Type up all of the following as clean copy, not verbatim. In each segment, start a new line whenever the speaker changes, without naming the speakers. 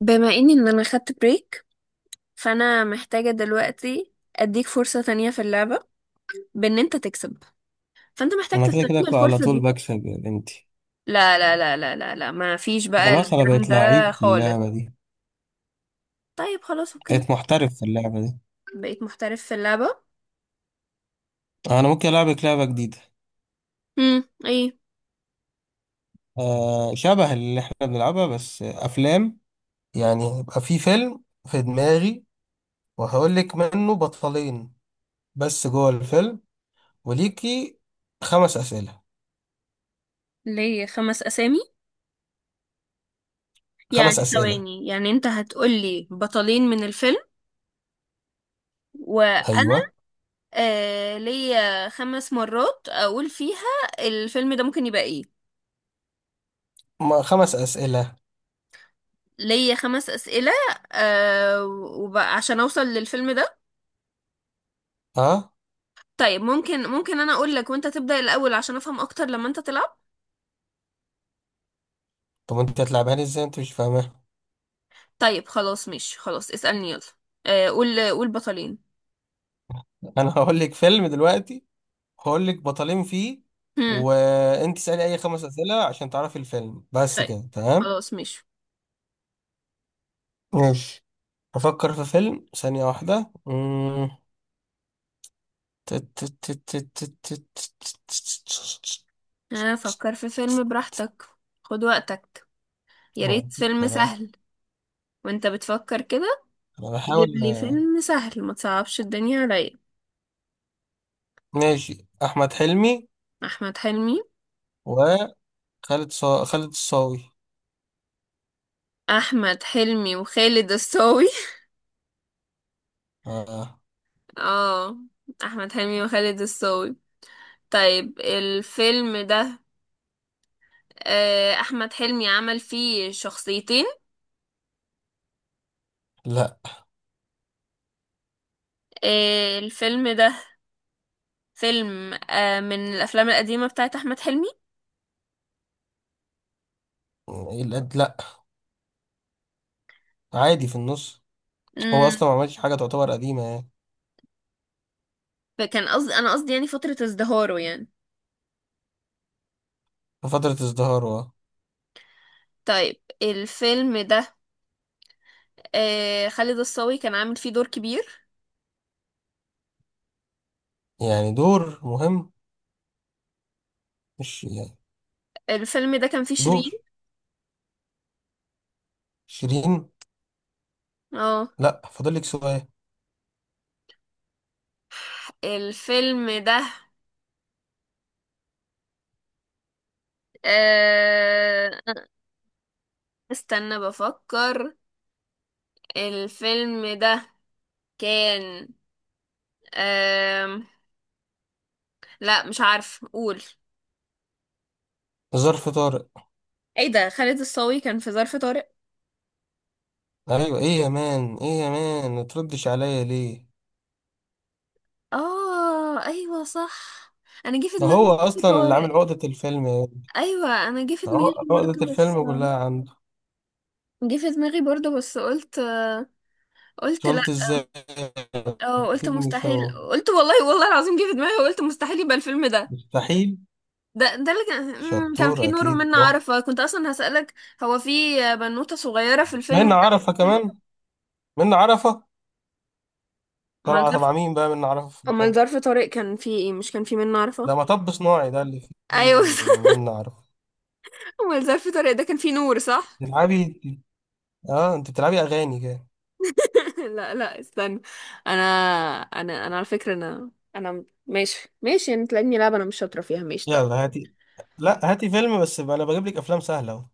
بما اني انا خدت بريك، فانا محتاجة دلوقتي اديك فرصة تانية في اللعبة، بان انت تكسب. فانت محتاج
انا كده كده
تستغل
ك- على
الفرصة
طول
دي.
بكسب يا بنتي.
لا لا لا لا لا لا، ما فيش بقى
خلاص، انا
الكلام
بقيت
ده
لعيب في
خالص.
اللعبة دي،
طيب خلاص اوكي.
بقيت محترف في اللعبة دي.
بقيت محترف في اللعبة.
انا ممكن العبك لعبة جديدة.
ايه؟
آه، شبه اللي احنا بنلعبها بس افلام. يعني يبقى في فيلم في دماغي، وهقول لك منه بطلين بس جوه الفيلم، وليكي خمس اسئلة.
ليه خمس اسامي؟
خمس
يعني
اسئلة.
ثواني، يعني انت هتقولي بطلين من الفيلم وانا؟
ايوه.
آه، ليا خمس مرات اقول فيها الفيلم ده ممكن يبقى ايه.
ما خمس اسئلة.
ليا خمس أسئلة. آه، وبقى عشان أوصل للفيلم ده.
اه.
طيب ممكن، ممكن أنا أقول لك وأنت تبدأ الأول عشان أفهم أكتر لما أنت تلعب؟
طب انت هتلعبها لي ازاي؟ انت مش فاهمها.
طيب خلاص ماشي، خلاص اسألني يلا. آه، قول قول بطلين.
انا هقول لك فيلم دلوقتي، هقول لك بطلين فيه،
هم.
وانت اسالي اي خمس اسئله عشان تعرفي الفيلم، بس
طيب
كده تمام.
خلاص ماشي.
ماشي. افكر في فيلم ثانيه واحده. تت- تت- تت- تت- تت- تت-
آه، فكر في فيلم براحتك، خد وقتك، يا
ما
ريت فيلم
أقدر. أهو.
سهل. وأنت بتفكر كده
انا بحاول.
تجيب لي فيلم سهل، ما تصعبش الدنيا عليا.
ماشي، احمد حلمي
أحمد حلمي.
وخالد، خالد الصاوي.
أحمد حلمي وخالد الصاوي.
آه.
اه، أحمد حلمي وخالد الصاوي. طيب الفيلم ده، آه، أحمد حلمي عمل فيه شخصيتين.
لا.
آه، الفيلم ده فيلم آه، من الأفلام القديمة بتاعت أحمد حلمي.
لا، عادي في النص. هو
مم.
اصلا ما عملش حاجه تعتبر قديمه يعني.
فكان قصدي، أنا قصدي يعني فترة ازدهاره يعني.
في فتره ازدهاره، آه.
طيب الفيلم ده، آه، خالد الصاوي كان عامل فيه دور كبير.
يعني دور مهم، مش يعني
الفيلم ده كان فيه شيرين.
دور. شيرين.
اه.
لا، فاضل لك سؤال.
الفيلم ده، آه، استنى بفكر. الفيلم ده كان، لا مش عارف قول.
ظرف طارق.
ايه ده، خالد الصاوي كان في ظرف طارق؟
ايوه، ايه يا مان؟ ايه يا مان؟ ما تردش عليا ليه؟
اه ايوه صح، انا جه في
ده
دماغي
هو
ظرف
اصلا اللي عامل
طارق.
عقدة الفيلم يا ابني.
ايوه انا جه في دماغي
عقدة
برضه بس،
الفيلم كلها عنده.
جه في دماغي برضه بس قلت، قلت لا.
قلت ازاي؟
اه قلت
اكيد مش
مستحيل،
هو،
قلت والله والله العظيم جه في دماغي وقلت مستحيل يبقى الفيلم ده.
مستحيل.
ده ده اللي كان كان
شطور،
فيه نور
اكيد
ومنة
هو.
عارفة، كنت اصلا هسألك. هو في بنوتة صغيرة في الفيلم
منة
ده
عرفة
كده.
كمان. منة عرفة
امال
طالعة
ظرف،
تبع مين بقى منة عرفة في
امال
الفيلم؟
ظرف طارق كان فيه ايه؟ مش كان فيه منة
ده
عارفة؟
مطب صناعي، ده اللي
ايوه.
فيه منة عرفة.
هو الزرع في طريق ده كان فيه نور صح؟
بتلعبي؟ اه انت بتلعبي اغاني كده.
لا لا استنى، انا، انا على فكرة، انا ماشي ماشي انت، لاني لعبة انا مش شاطرة فيها. ماشي طيب.
يلا هاتي. لا هاتي فيلم بس بقى، انا بجيب لك افلام سهله اهو.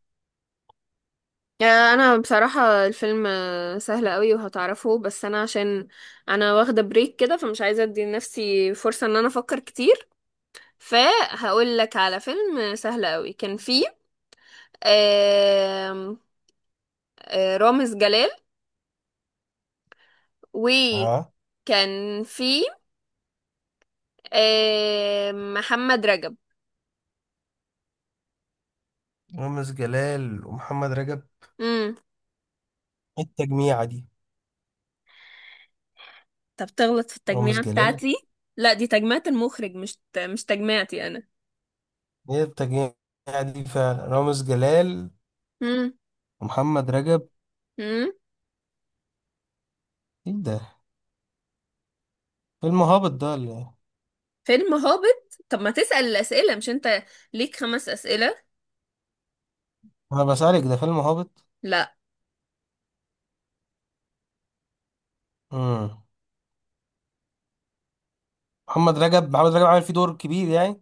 آه، انا بصراحة الفيلم آه، سهل قوي وهتعرفه، بس انا عشان انا واخدة بريك كده، فمش عايزة ادي لنفسي فرصة ان انا افكر كتير. فهقول لك على فيلم آه، سهل قوي، كان فيه آم، آه، رامز جلال،
اه،
وكان فيه آم، محمد رجب.
رامز جلال ومحمد رجب؟
مم.
إيه التجميعه دي؟
طب تغلط في
رامز
التجميعة
جلال؟
بتاعتي؟ لا دي تجميعة المخرج، مش تجميعتي أنا.
ايه التجميعه دي فعلا؟ رامز جلال
مم.
ومحمد رجب؟
مم.
ايه ده؟ فيلم هابط ده اللي.
فيلم هابط؟ طب ما تسأل الأسئلة، مش أنت ليك خمس أسئلة؟
انا بسألك، ده فيلم هابط؟
لا.
امم محمد رجب، محمد رجب عامل فيه دور كبير يعني؟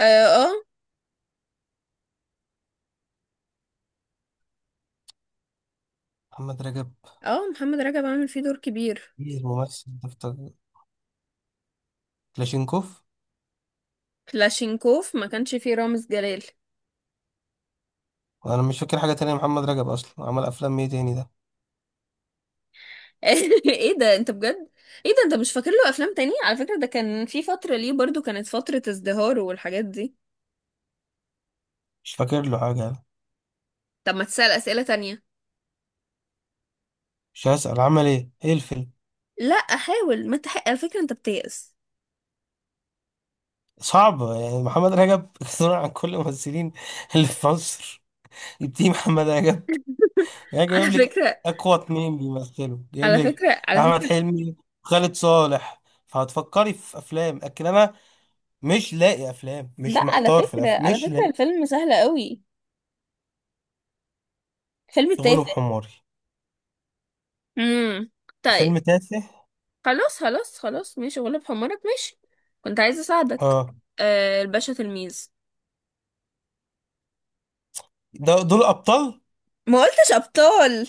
آه آه.
محمد رجب؟
آه، محمد رجب عامل فيه دور كبير.
ايه الممثل ده بتاع كلاشينكوف.
كلاشينكوف ما كانش فيه رامز جلال.
وانا مش فاكر حاجه تانية، محمد رجب اصلا عمل افلام ايه تاني ده؟
ايه ده، انت بجد؟ ايه ده، انت مش فاكر له افلام تانية؟ على فكرة ده كان في فترة، ليه برضو كانت فترة ازدهاره والحاجات دي.
مش فاكر له حاجه يعني.
طب ما تسأل أسئلة تانية.
مش هسأل عمل ايه، ايه الفيلم؟
لا احاول، ما تحق، على فكرة انت بتيأس.
صعبة يعني. محمد رجب صنع عن كل الممثلين اللي في مصر. يبتدي محمد رجب يعني، جايب
على
لك
فكرة،
أقوى اتنين بيمثلوا، جايب
على
لك
فكرة، على
أحمد
فكرة.
حلمي، خالد صالح، فهتفكري في أفلام. لكن أنا مش لاقي أفلام، مش
لا على
محتار في
فكرة،
الأفلام،
على
مش
فكرة
لاقي.
الفيلم سهل قوي، فيلم
غلب
تافه.
حماري.
امم. طيب.
فيلم تافه.
خلاص خلاص خلاص ماشي، غلب حمارك ماشي. كنت عايزة اساعدك.
اه،
آه، الباشا تلميذ.
ده دول أبطال.
ما قلتش ابطال.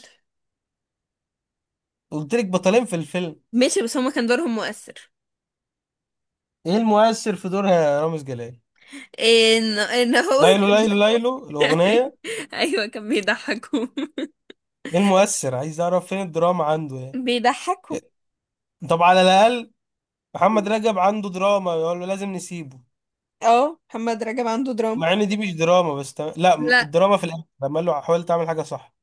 قلت لك بطلين في الفيلم.
ماشي بس هما كان دورهم مؤثر.
إيه المؤثر في دورها يا رامز جلال؟
ان ان هو.
ليلو ليلو ليلو الأغنية.
ايوه كان بيضحكوا،
إيه المؤثر؟ عايز أعرف فين الدراما عنده يعني.
بيضحكهم.
طب على الأقل محمد رجب عنده دراما، يقول له لازم نسيبه.
اه، محمد رجب عنده دراما.
مع ان دي مش دراما بس لا،
لا.
الدراما في الاخر لما قال له حاول تعمل حاجه صح.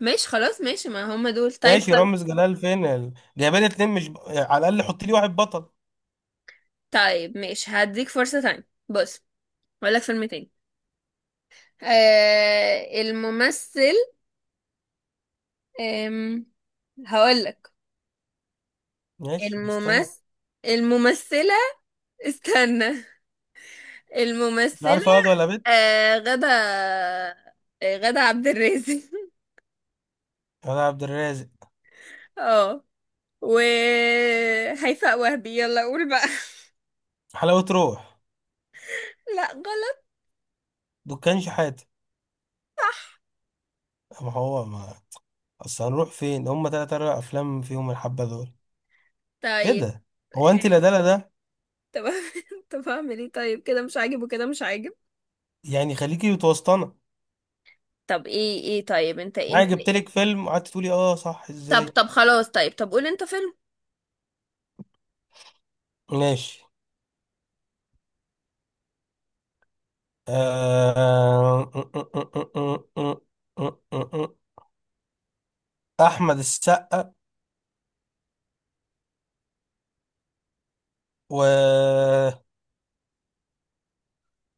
ماشي خلاص، ماشي، ما هم دول، طيب
ماشي،
خلاص.
رامز جلال فين؟ جايبه لي اتنين مش على الاقل حط لي واحد بطل.
طيب ماشي، هديك فرصة تانية. بص، هقول لك فيلم تاني. آه الممثل، آم، هقولك
ماشي، مستني.
الممثل، الممثلة. استنى،
مش
الممثلة
عارف واد ولا بنت.
آه، غدا، آه، غدا عبد الرازق.
انا عبد الرازق.
اه، و هيفاء وهبي. يلا قول بقى.
حلاوه روح.
لا غلط.
دكان شحاته. ما هو ما اصل هنروح فين، هم تلات اربع افلام فيهم الحبه دول. ايه
طيب
ده؟ هو
آه،
انت، لا ده، لا ده.
طب. طب اعمل ايه؟ طيب كده مش عاجب وكده مش عاجب.
يعني خليكي متوسطنه.
طب ايه، ايه، طيب انت
يعني
انت.
جبت لك فيلم وقعدت تقولي اه صح
طب
ازاي.
طب خلاص، طيب طب قول انت فيلم.
ماشي. آه، احمد السقا و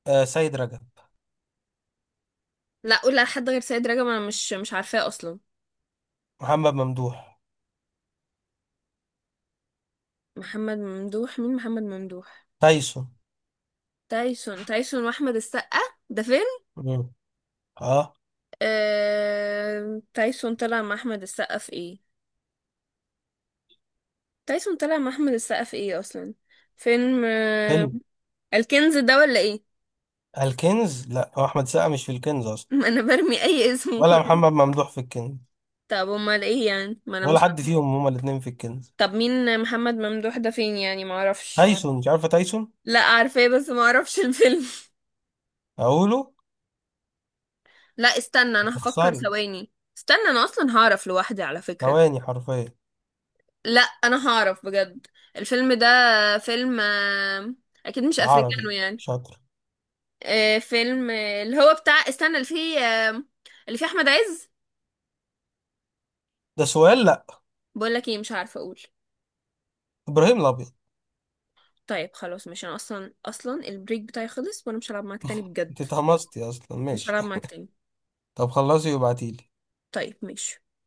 سيد رجب.
لا قول لحد غير سيد رجب، انا مش عارفاه اصلا.
محمد ممدوح.
محمد ممدوح، مين محمد ممدوح؟
تايسون.
تايسون. تايسون واحمد السقا، ده فيلم؟
مم. اه.
آه... تايسون طلع مع احمد السقا في ايه؟ تايسون طلع مع احمد السقا في ايه اصلا؟ فيلم آه...
فيلم
الكنز ده ولا ايه؟
الكنز. لا هو احمد السقا مش في الكنز اصلا.
ما انا برمي اي اسم
ولا
كله.
محمد ممدوح في الكنز.
طب امال ايه؟ يعني ما انا
ولا
مش
حد
عارفة.
فيهم. هما الاثنين في الكنز.
طب مين محمد ممدوح ده؟ فين يعني؟ ما اعرفش.
تايسون؟ مش عارفه تايسون؟
لا عارفاه، بس ما اعرفش الفيلم.
اقوله.
لا استنى، انا هفكر
تخسري.
ثواني. استنى انا اصلا هعرف لوحدي على فكرة.
ثواني حرفيا.
لا انا هعرف بجد. الفيلم ده فيلم آه، اكيد مش افريكانو
عربي.
يعني.
شاطر.
آه، فيلم آه، اللي هو بتاع استنى، اللي فيه آه، اللي فيه احمد عز.
ده سؤال، لا.
بقول لك ايه، مش عارفه اقول.
ابراهيم الابيض.
طيب خلاص، مش انا اصلا اصلا البريك بتاعي خلص وانا مش هلعب معاك تاني
انت
بجد.
اتهمستي اصلا،
مش
ماشي.
هلعب معاك تاني.
طب خلصي وابعتيلي.
طيب ماشي.